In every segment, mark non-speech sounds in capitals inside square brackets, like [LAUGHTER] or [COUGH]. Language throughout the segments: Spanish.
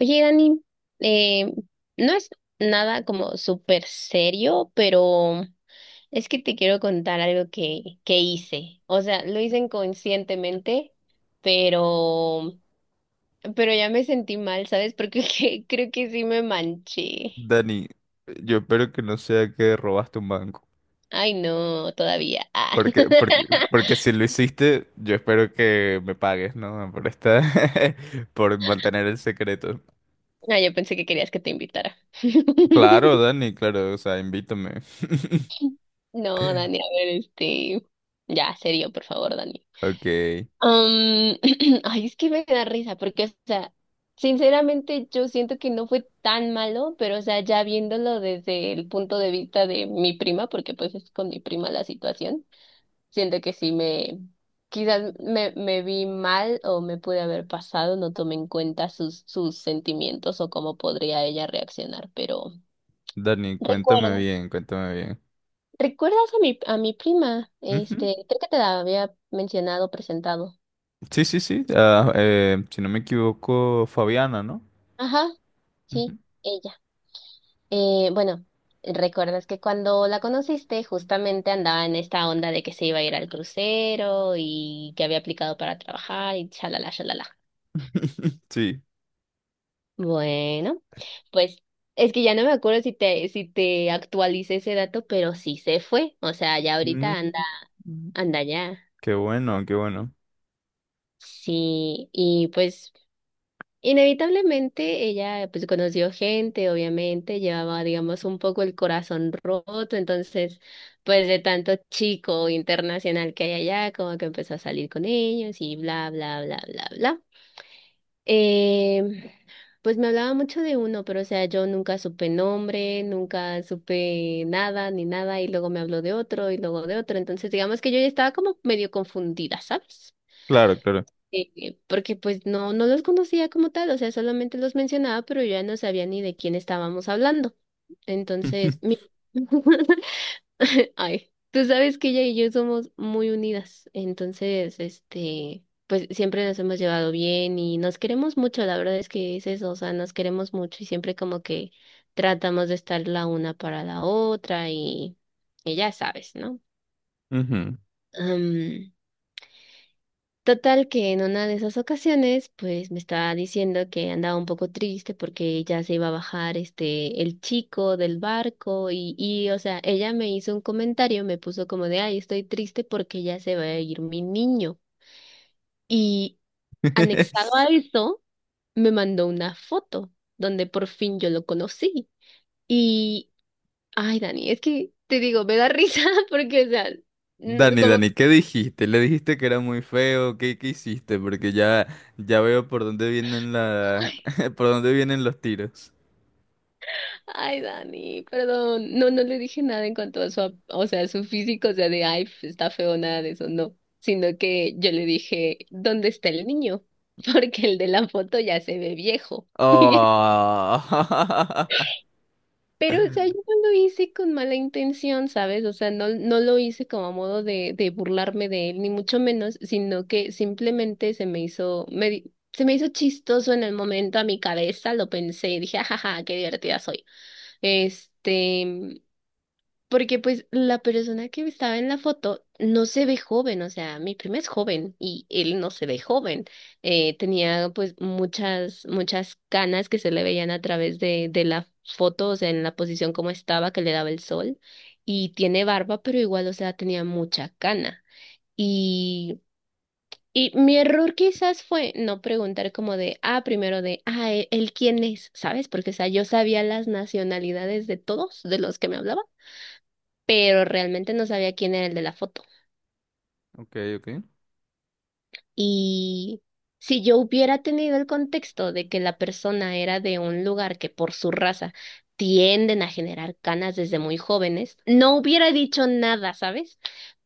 Oye, Dani, eh, no es nada como súper serio, pero es que te quiero contar algo que hice. O sea, lo hice inconscientemente, pero, pero ya me sentí mal, ¿sabes? Porque [LAUGHS] creo que sí me manché. Dani, yo espero que no sea que robaste un banco. Ay, no, todavía. Ah. [LAUGHS] Porque si lo hiciste, yo espero que me pagues, ¿no? Por esta, [LAUGHS] por mantener el secreto. Ah, yo pensé que querías que te invitara. Claro, [LAUGHS] Dani, claro, o sea, invítame. [LAUGHS] No, Dani, a ver, ya, serio, por favor, Dani. Ok, Um, [CLEARS THROAT] ay, es que me da risa, porque, o sea, sinceramente yo siento que no fue tan malo, pero, o sea, ya viéndolo desde el punto de vista de mi prima, porque pues es con mi prima la situación, siento que sí me, quizás me vi mal o me pude haber pasado, no tomé en cuenta sus sentimientos o cómo podría ella reaccionar, pero Dani, cuéntame recuerda, bien, cuéntame bien. ¿recuerdas a a mi prima? Ujú. Este, creo que te la había mencionado, presentado. Sí, sí, sí. Ah, si no me equivoco, Fabiana, ¿no? Ajá, sí. Ujú. Bueno, recuerdas que cuando la conociste justamente andaba en esta onda de que se iba a ir al crucero y que había aplicado para trabajar y chalala, chalala. [LAUGHS] Sí. Bueno, pues es que ya no me acuerdo si te actualicé ese dato, pero sí se fue. O sea, ya ahorita Mm. Anda ya. Qué bueno, qué bueno. Sí, y pues inevitablemente ella pues conoció gente, obviamente, llevaba digamos un poco el corazón roto, entonces pues de tanto chico internacional que hay allá, como que empezó a salir con ellos y bla, bla, bla, bla, bla. Eh, pues me hablaba mucho de uno, pero o sea, yo nunca supe nombre, nunca supe nada ni nada y luego me habló de otro y luego de otro, entonces digamos que yo ya estaba como medio confundida, ¿sabes? Claro, claro. Porque pues no los conocía como tal, o sea, solamente los mencionaba, pero yo ya no sabía ni de quién estábamos hablando. Entonces, [LAUGHS] [LAUGHS] ay, tú sabes que ella y yo somos muy unidas, entonces, este, pues siempre nos hemos llevado bien y nos queremos mucho, la verdad es que es eso, o sea, nos queremos mucho y siempre como que tratamos de estar la una para la otra y ya sabes, ¿no? Ujú. Total que en una de esas ocasiones, pues me estaba diciendo que andaba un poco triste porque ya se iba a bajar este el chico del barco y o sea, ella me hizo un comentario, me puso como de, ay, estoy triste porque ya se va a ir mi niño. Y anexado [LAUGHS] a eso, me mandó una foto donde por fin yo lo conocí. Y, ay, Dani, es que te digo, me da risa [LAUGHS] porque, o sea, Dani, como... Dani, ¿qué dijiste? ¿Le dijiste que era muy feo? ¿Qué hiciste? Porque ya, ya veo por dónde vienen la, [LAUGHS] por dónde vienen los tiros. Ay, Dani, perdón. No le dije nada en cuanto a su, o sea, su físico, o sea, de, ay, está feo, nada de eso, no. Sino que yo le dije, ¿dónde está el niño? [LAUGHS] Porque el de la foto ya se ve viejo. [LAUGHS] Oh. [LAUGHS] Pero, o sea, yo no lo hice con mala intención, ¿sabes? O sea, no lo hice como a modo de burlarme de él, ni mucho menos, sino que simplemente se me hizo, se me hizo chistoso en el momento a mi cabeza, lo pensé y dije, ajaja, qué divertida soy. Este, porque pues la persona que estaba en la foto no se ve joven, o sea, mi prima es joven y él no se ve joven. Tenía pues muchas canas que se le veían a través de la foto, o sea, en la posición como estaba, que le daba el sol. Y tiene barba, pero igual, o sea, tenía mucha cana. Y, y mi error quizás fue no preguntar como de, ah, primero de, ah, él quién es, ¿sabes? Porque, o sea, yo sabía las nacionalidades de todos de los que me hablaba pero realmente no sabía quién era el de la foto. Ok, ok. Y si yo hubiera tenido el contexto de que la persona era de un lugar que por su raza tienden a generar canas desde muy jóvenes, no hubiera dicho nada, ¿sabes?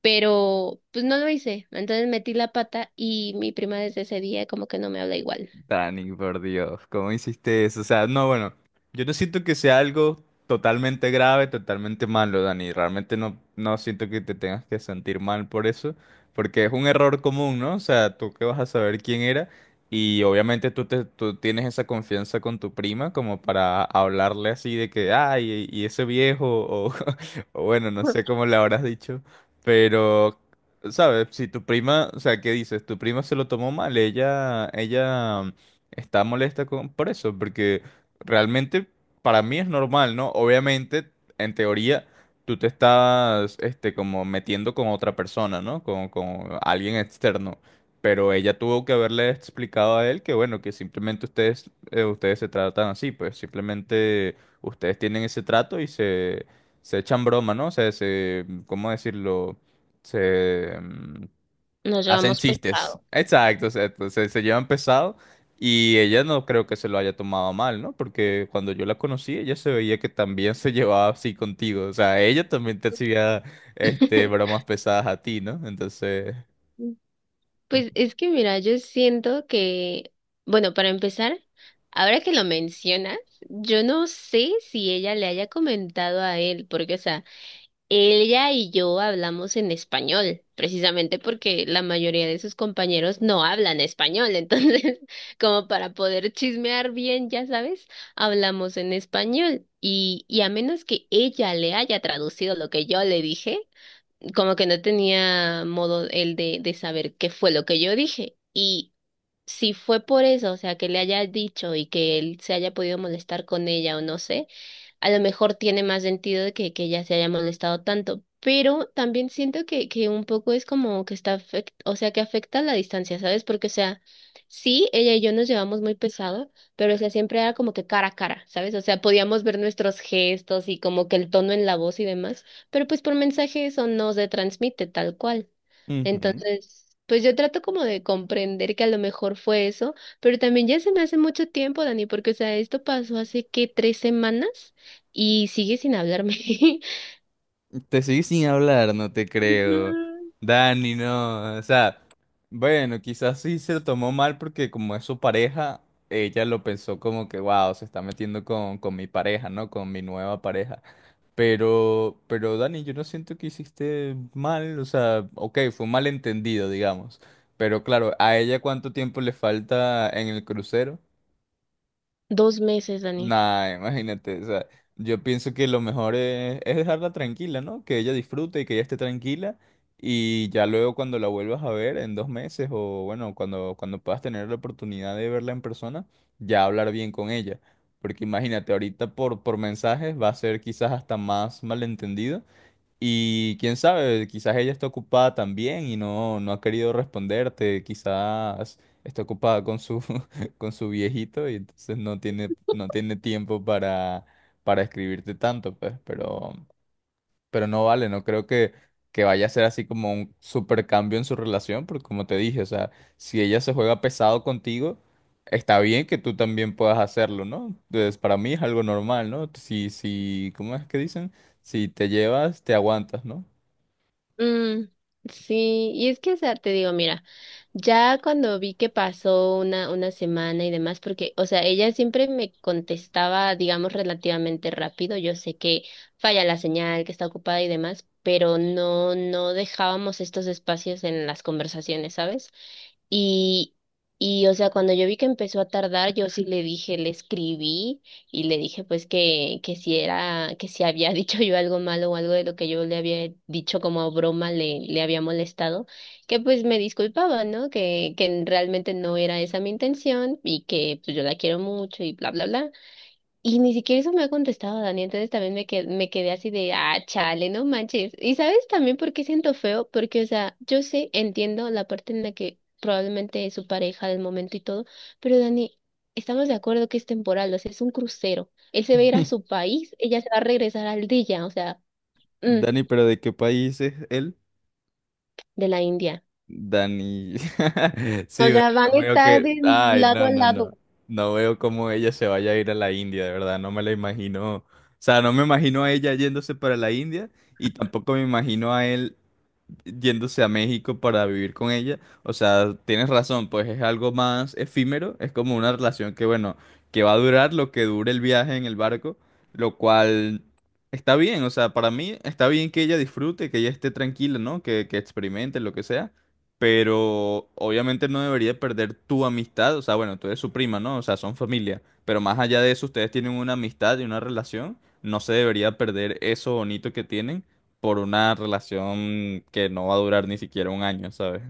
Pero pues no lo hice. Entonces metí la pata y mi prima desde ese día como que no me habla igual. Dani, por Dios, ¿cómo hiciste eso? O sea, no, bueno, yo no siento que sea algo totalmente grave, totalmente malo, Dani. Realmente no, no siento que te tengas que sentir mal por eso, porque es un error común, ¿no? O sea, tú que vas a saber quién era y obviamente tú, te, tú tienes esa confianza con tu prima como para hablarle así de que, ay, y ese viejo, o, [LAUGHS] o bueno, no sé [LAUGHS] cómo le habrás dicho, pero... ¿Sabes? Si tu prima, o sea, ¿qué dices? Tu prima se lo tomó mal, ella está molesta por eso, porque realmente para mí es normal, ¿no? Obviamente, en teoría, tú te estás, como metiendo con otra persona, ¿no? Con alguien externo. Pero ella tuvo que haberle explicado a él que, bueno, que simplemente ustedes se tratan así, pues simplemente ustedes tienen ese trato y se echan broma, ¿no? O sea, se, ¿cómo decirlo? Se Nos hacen llevamos chistes. pesado. Exacto, exacto. Se llevan pesado y ella no creo que se lo haya tomado mal, ¿no? Porque cuando yo la conocí, ella se veía que también se [LAUGHS] llevaba así contigo. O sea, ella también te hacía [LAUGHS] bromas pesadas a ti, ¿no? Entonces, Pues es que mira, yo siento que, bueno, para empezar, ahora que lo mencionas, yo no sé si ella le haya comentado a él, porque, o sea, ella y yo hablamos en español, precisamente porque la mayoría de sus compañeros no hablan español, [LAUGHS] entonces, como para poder chismear bien, ya sabes, hablamos en español. Y a menos que ella le haya traducido lo que yo le dije, como que no tenía modo él de saber qué fue lo que yo dije. Y si fue por eso, o sea, que le haya dicho y que él se haya podido molestar con ella o no sé, a lo mejor tiene más sentido de que ella se haya molestado tanto, pero también siento que un poco es como que está, o sea, que afecta la distancia, ¿sabes? Porque, o sea, sí, ella y yo nos llevamos muy pesado, pero, o sea, siempre era como que cara a cara, ¿sabes? O sea, podíamos ver nuestros gestos y como que el tono en la voz y demás, pero pues por mensaje eso no se transmite tal cual. ujú. Entonces... pues yo trato como de comprender que a lo mejor fue eso, pero también ya se me hace mucho tiempo, Dani, porque, o sea, esto pasó hace, ¿qué? ¿Tres semanas? Y sigue sin hablarme. [LAUGHS] Te seguí sin hablar, no te creo. Ujú. Dani, no. O sea, bueno, quizás sí se lo tomó mal porque como es su pareja, ella lo pensó como que, wow, se está metiendo con, mi pareja, ¿no? Con mi nueva pareja. Pero Dani, yo no siento que hiciste mal. O sea, ok, fue un malentendido, digamos. Pero claro, ¿a ella cuánto tiempo le falta en el crucero? Dos meses, Dani. Nah, imagínate, o sea, yo pienso que lo mejor es dejarla tranquila, ¿no? Que ella disfrute y que ella esté tranquila y ya luego cuando la vuelvas a ver en 2 meses o bueno, cuando puedas tener la oportunidad de verla en persona, ya hablar bien con ella. Porque imagínate, ahorita por mensajes va a ser quizás hasta más malentendido y quién sabe, quizás ella está ocupada también y no, no ha querido responderte, quizás está ocupada con su, [LAUGHS] con su viejito y entonces no tiene, no tiene tiempo para, escribirte tanto, pues, pero no vale, no creo que vaya a ser así como un super cambio en su relación, porque como te dije, o sea, si ella se juega pesado contigo, está bien que tú también puedas hacerlo, ¿no? Entonces, para mí es algo normal, ¿no? Si, si, ¿cómo es que dicen? Si te llevas, te aguantas, ¿no? Mm, sí, y es que, o sea, te digo, mira, ya cuando vi que pasó una semana y demás, porque, o sea, ella siempre me contestaba, digamos, relativamente rápido. Yo sé que falla la señal, que está ocupada y demás, pero no dejábamos estos espacios en las conversaciones, ¿sabes? Y, y, o sea, cuando yo vi que empezó a tardar, yo sí le escribí y le dije, pues, que si era, que si había [LAUGHS] dicho yo algo malo o algo de lo que yo le había dicho como broma le había molestado, que pues me disculpaba, ¿no? Que realmente no era esa mi intención y que pues yo la quiero mucho y bla, bla, bla. Y ni siquiera eso me ha contestado Dani, entonces también me quedé así de, ah, chale, no manches. Y sabes también por qué siento feo, porque, o sea, yo sé, entiendo la parte en la que probablemente es su pareja del momento y todo, pero Dani, estamos de acuerdo que es temporal, o sea, es un crucero. Él se va a ir a su [LAUGHS] país, ella se va a regresar al día, o sea, mm, Dani, pero ¿de qué país es él? de la India. Dani. [LAUGHS] O Sí, bueno, sea, van no a veo estar que... de Ay, lado no, a no, no. lado. No veo cómo ella se vaya a ir a la India, de verdad, no me la imagino. O sea, no me imagino a ella yéndose para la India y tampoco me imagino a él yéndose a México para vivir con ella. O sea, tienes razón, pues es algo más efímero, es como una relación que, bueno, que va a durar lo que dure el viaje en el barco, lo cual está bien, o sea, para mí está bien que ella disfrute, que ella esté tranquila, ¿no? Que experimente lo que sea. Pero obviamente no debería perder tu amistad, o sea, bueno, tú eres su prima, ¿no? O sea, son familia, pero más allá de eso, ustedes tienen una amistad y una relación, no se debería perder eso bonito que tienen por una relación que no va a durar ni siquiera un año, ¿sabes?